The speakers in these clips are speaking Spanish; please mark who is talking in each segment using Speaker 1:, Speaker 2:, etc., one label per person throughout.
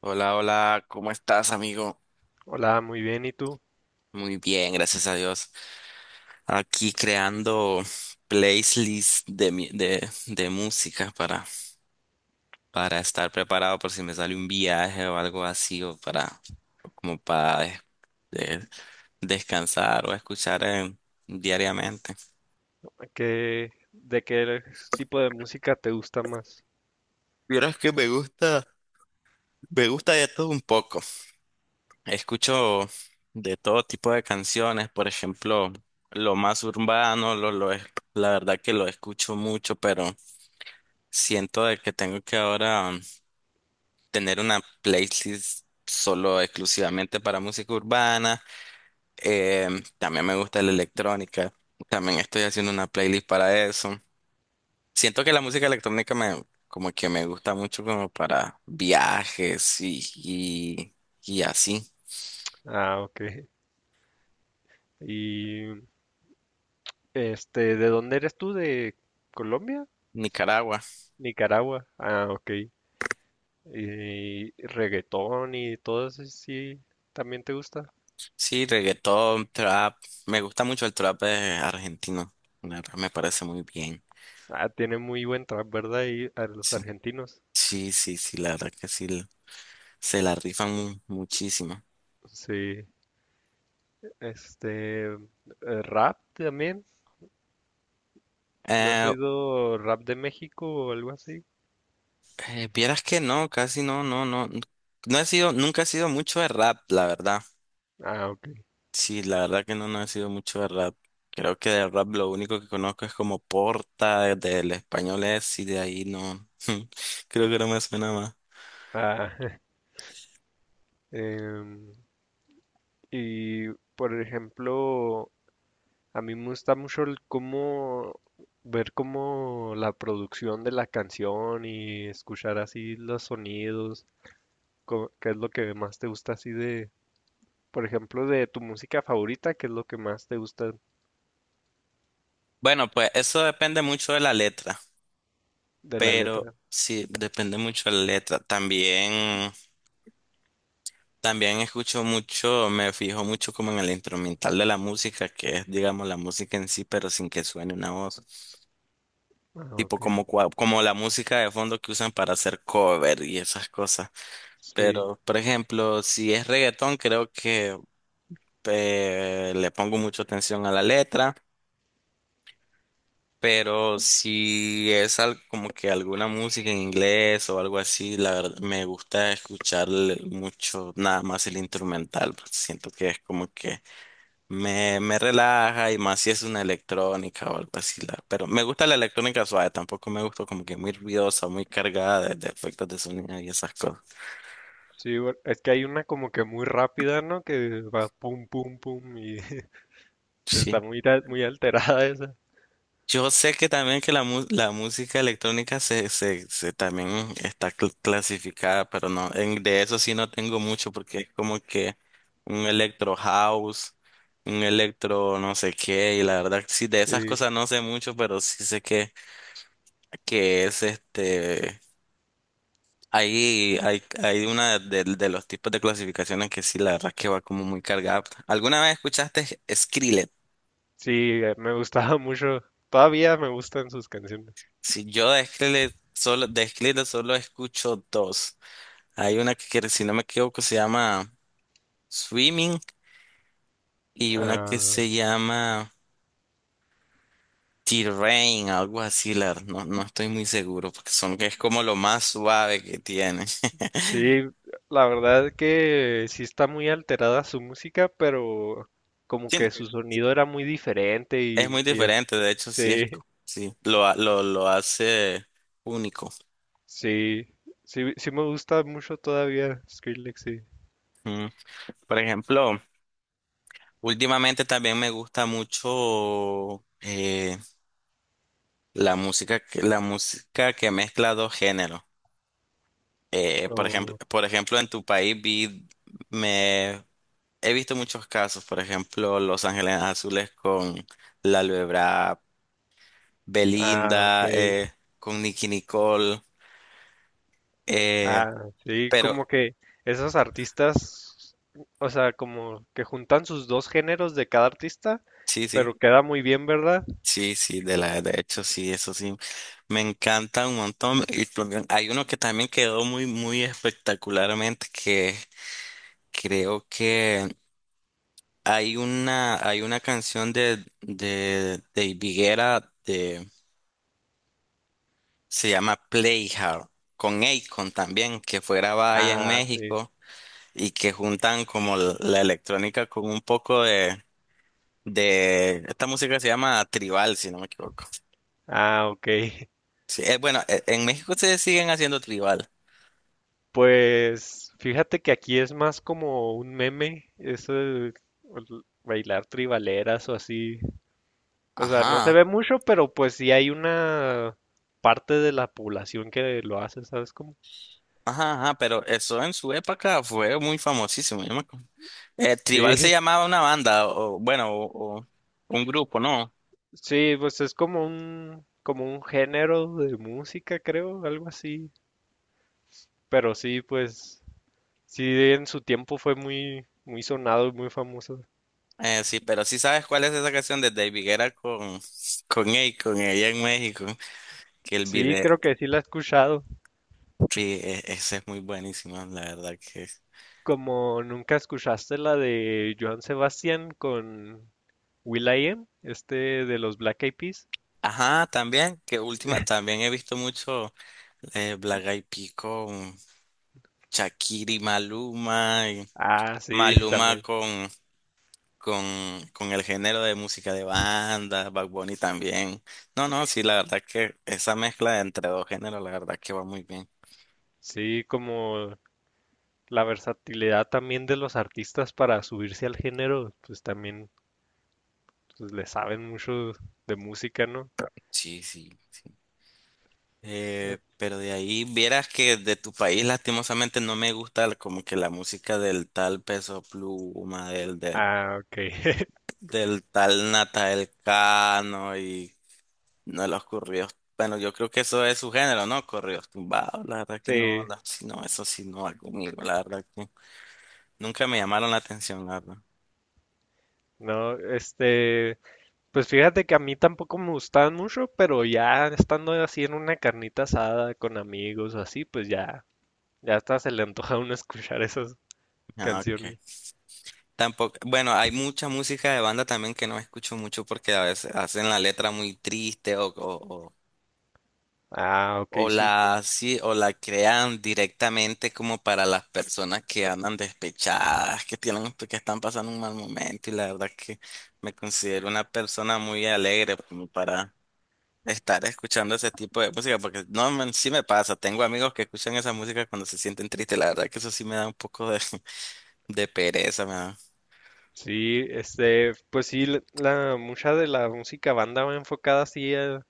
Speaker 1: Hola, hola, ¿cómo estás, amigo?
Speaker 2: Hola, muy bien. ¿Y tú?
Speaker 1: Muy bien, gracias a Dios. Aquí creando playlists de música para estar preparado por si me sale un viaje o algo así, o para de- descansar o escuchar diariamente.
Speaker 2: ¿De qué tipo de música te gusta más?
Speaker 1: Vieras que me gusta de todo un poco. Escucho de todo tipo de canciones, por ejemplo, lo más urbano, la verdad que lo escucho mucho, pero siento de que tengo que ahora tener una playlist solo exclusivamente para música urbana. También me gusta la electrónica, también estoy haciendo una playlist para eso. Siento que la música electrónica me como que me gusta mucho como para viajes y así.
Speaker 2: Ah, ok. Y ¿de dónde eres tú? ¿De Colombia?
Speaker 1: Nicaragua.
Speaker 2: Nicaragua. Ah, ok. ¿Y reggaetón y todo eso sí también te gusta?
Speaker 1: Sí, reggaetón, trap. Me gusta mucho el trap argentino. La verdad me parece muy bien.
Speaker 2: Ah, tiene muy buen trap, ¿verdad? Y a los
Speaker 1: Sí,
Speaker 2: argentinos.
Speaker 1: sí, sí, sí, la verdad que sí. Se la rifan muchísimo.
Speaker 2: Sí. Este, eh, rap también. ¿No has
Speaker 1: Eh,
Speaker 2: oído rap de México o algo así?
Speaker 1: Vieras que no, casi no, no, no. No he sido, nunca he sido mucho de rap, la verdad.
Speaker 2: Ah, ok.
Speaker 1: Sí, la verdad que no, no he sido mucho de rap. Creo que de rap lo único que conozco es como Porta, del español es, y de ahí no. Creo que no me suena más.
Speaker 2: Ah, em, Y, por ejemplo, a mí me gusta mucho el cómo ver cómo la producción de la canción y escuchar así los sonidos, qué es lo que más te gusta así de, por ejemplo, de tu música favorita, qué es lo que más te gusta
Speaker 1: Bueno, pues eso depende mucho de la letra.
Speaker 2: de la
Speaker 1: Pero
Speaker 2: letra.
Speaker 1: sí, depende mucho de la letra. También, también escucho mucho, me fijo mucho como en el instrumental de la música, que es, digamos, la música en sí, pero sin que suene una voz.
Speaker 2: Ah,
Speaker 1: Tipo
Speaker 2: ok.
Speaker 1: como, como la música de fondo que usan para hacer cover y esas cosas.
Speaker 2: Sí.
Speaker 1: Pero, por ejemplo, si es reggaetón, creo que le pongo mucha atención a la letra. Pero si es como que alguna música en inglés o algo así, la verdad me gusta escuchar mucho nada más el instrumental, porque siento que es como que me relaja y más si es una electrónica o algo así. Pero me gusta la electrónica suave, tampoco me gusta como que muy ruidosa, muy cargada de efectos de sonido y esas cosas.
Speaker 2: Sí, es que hay una como que muy rápida, ¿no? Que va pum pum pum y está
Speaker 1: Sí.
Speaker 2: muy alterada esa.
Speaker 1: Yo sé que también que la música electrónica se también está clasificada, pero no, en, de eso sí no tengo mucho porque es como que un electro house, un electro no sé qué, y la verdad sí de esas
Speaker 2: Sí.
Speaker 1: cosas no sé mucho, pero sí sé que es ahí hay una de los tipos de clasificaciones que sí la verdad que va como muy cargada. ¿Alguna vez escuchaste Skrillex?
Speaker 2: Sí, me gustaba mucho. Todavía me gustan sus canciones.
Speaker 1: Si yo de Skrillex solo escucho dos. Hay una que si no me equivoco, se llama Swimming y una que
Speaker 2: Ah,
Speaker 1: se llama Terrain, algo así, la, no, no estoy muy seguro, porque son que es como lo más suave que tiene.
Speaker 2: sí, la verdad que sí está muy alterada su música, pero como
Speaker 1: Sí,
Speaker 2: que su sonido era muy diferente
Speaker 1: es muy diferente, de hecho, sí es,
Speaker 2: sí,
Speaker 1: sí, lo hace único.
Speaker 2: sí, sí, sí me gusta mucho todavía Skrillex, sí.
Speaker 1: Mm. Por ejemplo, últimamente también me gusta mucho la música, la música que mezcla dos géneros. Eh, por ejemplo,
Speaker 2: Oh,
Speaker 1: por ejemplo, en tu país vi, me He visto muchos casos, por ejemplo, Los Ángeles Azules con la Lebra,
Speaker 2: ah, ok.
Speaker 1: Belinda, con Nicki Nicole, eh,
Speaker 2: Ah, sí,
Speaker 1: pero
Speaker 2: como que esos artistas, o sea, como que juntan sus dos géneros de cada artista,
Speaker 1: sí, sí,
Speaker 2: pero queda muy bien, ¿verdad?
Speaker 1: sí, sí, de hecho, sí, eso sí, me encanta un montón. Y también hay uno que también quedó muy, muy espectacularmente, que creo que hay una canción de Higuera. Se llama Playhouse, con Akon también, que fue grabada allá en
Speaker 2: Ah, sí.
Speaker 1: México y que juntan como la electrónica con un poco de esta música se llama tribal, si no me equivoco.
Speaker 2: Ah, ok.
Speaker 1: Sí, bueno, en México se siguen haciendo tribal.
Speaker 2: Pues fíjate que aquí es más como un meme, eso de bailar tribaleras o así. O sea, no se
Speaker 1: Ajá,
Speaker 2: ve mucho, pero pues sí hay una parte de la población que lo hace, ¿sabes cómo?
Speaker 1: ajá, ajá, pero eso en su época fue muy famosísimo. Yo me acuerdo. Tribal se
Speaker 2: Sí,
Speaker 1: llamaba una banda, o bueno, o un grupo, ¿no?
Speaker 2: sí, pues es como un género de música, creo, algo así. Pero sí, pues sí, en su tiempo fue muy, muy sonado y muy famoso.
Speaker 1: Sí, pero sí sabes cuál es esa canción de David Guerra con Akon allá en México. Que el
Speaker 2: Sí,
Speaker 1: video,
Speaker 2: creo que sí la he escuchado.
Speaker 1: sí, ese es muy buenísimo, la verdad que.
Speaker 2: Como nunca escuchaste la de Joan Sebastián con will.i.am, este de los Black Eyed Peas.
Speaker 1: Ajá, también, que última, también he visto mucho Black Eyed Peas con Shakira y
Speaker 2: Ah, sí,
Speaker 1: Maluma
Speaker 2: también.
Speaker 1: con, con el género de música de banda, Bad Bunny también. No, no, sí, la verdad que esa mezcla entre dos géneros, la verdad que va muy bien.
Speaker 2: Sí, como la versatilidad también de los artistas para subirse al género, pues también pues, le saben mucho de música, ¿no?
Speaker 1: Sí, sí.
Speaker 2: Eh,
Speaker 1: Pero de ahí vieras que de tu país lastimosamente no me gusta como que la música del tal Peso Pluma,
Speaker 2: ah, ok.
Speaker 1: del tal Natal Cano y no los corridos. Bueno, yo creo que eso es su género, ¿no? Corridos tumbados, la verdad que no,
Speaker 2: Sí,
Speaker 1: la, si no, eso sí no va conmigo, la verdad que nunca me llamaron la atención, la verdad.
Speaker 2: no, pues fíjate que a mí tampoco me gustaban mucho, pero ya estando así en una carnita asada con amigos o así, pues ya ya hasta se le antoja a uno escuchar esas
Speaker 1: Ah, ok.
Speaker 2: canciones.
Speaker 1: Tampoco, bueno, hay mucha música de banda también que no escucho mucho porque a veces hacen la letra muy triste o, o,
Speaker 2: Ah,
Speaker 1: O
Speaker 2: ok, sí.
Speaker 1: la, sí, o la crean directamente como para las personas que andan despechadas, que tienen, que están pasando un mal momento. Y la verdad que me considero una persona muy alegre como para estar escuchando ese tipo de música, porque no, man, sí me pasa. Tengo amigos que escuchan esa música cuando se sienten tristes. La verdad que eso sí me da un poco de, de pereza, me da.
Speaker 2: Sí, pues sí, mucha de la música banda va enfocada así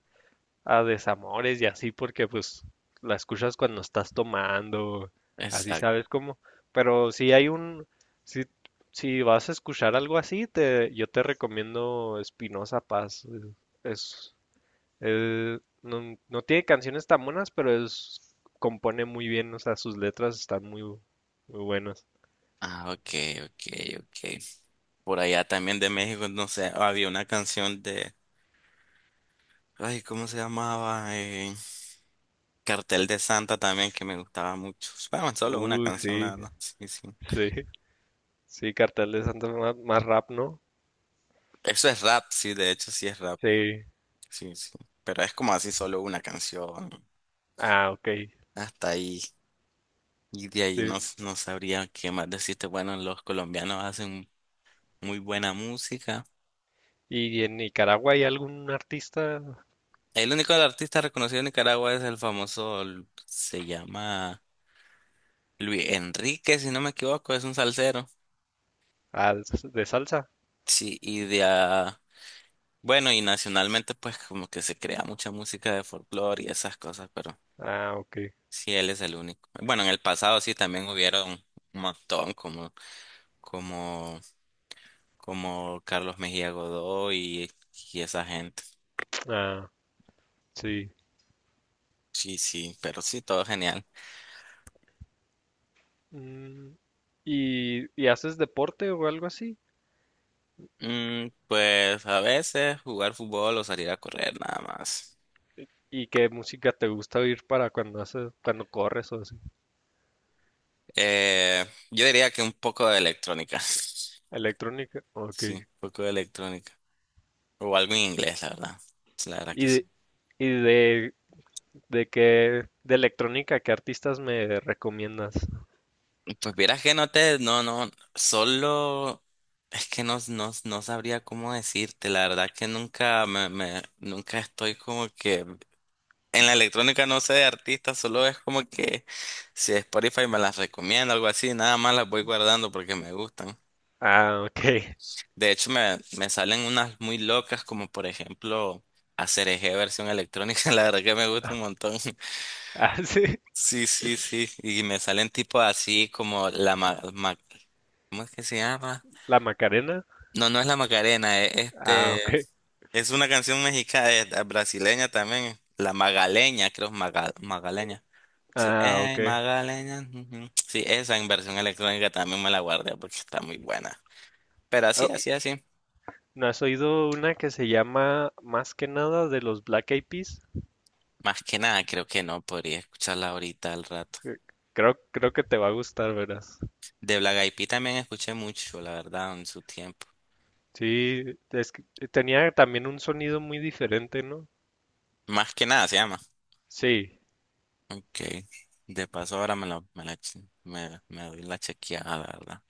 Speaker 2: a desamores y así, porque pues la escuchas cuando estás tomando, así
Speaker 1: Exacto.
Speaker 2: sabes cómo. Pero si hay un, si, si vas a escuchar algo así, te, yo te recomiendo Espinosa Paz. Es, él no, no tiene canciones tan buenas, pero es, compone muy bien, o sea, sus letras están muy, muy buenas.
Speaker 1: Ah, ok, ok, ok. Por allá también de México, no sé, había una canción de, ay, ¿cómo se llamaba? Cartel de Santa también que me gustaba mucho. Bueno, solo una
Speaker 2: Uy,
Speaker 1: canción, la
Speaker 2: sí,
Speaker 1: verdad. Sí, sí.
Speaker 2: sí, sí, Cartel de Santa más, más rap, ¿no?
Speaker 1: Eso es rap, sí, de hecho sí es rap.
Speaker 2: Sí.
Speaker 1: Sí, sí. Pero es como así solo una canción.
Speaker 2: Ah, ok,
Speaker 1: Hasta ahí. Y de ahí
Speaker 2: sí.
Speaker 1: no, no sabría qué más decirte. Bueno, los colombianos hacen muy buena música.
Speaker 2: ¿Y en Nicaragua hay algún artista
Speaker 1: El único artista reconocido en Nicaragua es el famoso, se llama Luis Enrique, si no me equivoco, es un salsero.
Speaker 2: ah, de salsa?
Speaker 1: Sí, y de, bueno, y nacionalmente pues como que se crea mucha música de folclore y esas cosas, pero
Speaker 2: Ah, ok.
Speaker 1: sí, él es el único. Bueno, en el pasado sí también hubieron un montón como, como, como Carlos Mejía Godoy y esa gente.
Speaker 2: Ah, sí.
Speaker 1: Sí, sí, pero sí, todo genial.
Speaker 2: Mm, ¿y, y haces deporte o algo así?
Speaker 1: Mm, pues a veces jugar fútbol o salir a correr nada más.
Speaker 2: ¿Y qué música te gusta oír para cuando haces, cuando corres o así?
Speaker 1: Eh, yo diría que un poco de electrónica.
Speaker 2: Electrónica, ok.
Speaker 1: Sí, un poco de electrónica. O algo en inglés, la verdad. La verdad que sí.
Speaker 2: ¿Y, ¿Y de qué, de electrónica, qué artistas me recomiendas?
Speaker 1: Pues vieras que no te, no, no, solo es que no, no, no sabría cómo decirte, la verdad que nunca me, me, nunca estoy como que en la electrónica no sé de artistas, solo es como que si Spotify me las recomienda, algo así, nada más las voy guardando porque me gustan.
Speaker 2: Ah, ok.
Speaker 1: De hecho me, me salen unas muy locas como por ejemplo Eje versión electrónica, la verdad que me gusta un montón.
Speaker 2: Ah, sí.
Speaker 1: Sí, sí, sí, y me salen tipo así como ¿cómo es que se llama?
Speaker 2: La Macarena.
Speaker 1: No, no es la Macarena, es
Speaker 2: Ah, ok.
Speaker 1: este. Es una canción mexicana, brasileña también. La Magaleña, creo, Magaleña. Sí,
Speaker 2: Ah, ok.
Speaker 1: Magaleña. Ujú. Sí, esa en versión electrónica también me la guardé porque está muy buena. Pero
Speaker 2: Oh,
Speaker 1: así, así, así.
Speaker 2: ¿no has oído una que se llama Más que nada de los Black Eyed Peas?
Speaker 1: Más que nada, creo que no podría escucharla ahorita al rato.
Speaker 2: Eh, Creo, creo que te va a gustar, verás.
Speaker 1: De Black Eyed Peas también escuché mucho, la verdad, en su tiempo.
Speaker 2: Sí, es que tenía también un sonido muy diferente, ¿no?
Speaker 1: Más que nada se llama.
Speaker 2: Sí.
Speaker 1: Ok. De paso ahora me la, me la, me, me doy la chequeada, la verdad.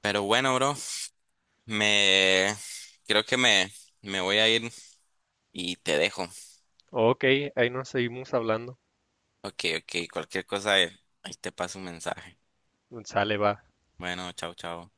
Speaker 1: Pero bueno, bro. Me creo que me voy a ir y te dejo.
Speaker 2: Ok, ahí nos seguimos hablando.
Speaker 1: Ok, ok, cualquier cosa, ahí te paso un mensaje.
Speaker 2: Sale, va.
Speaker 1: Bueno, chao, chao.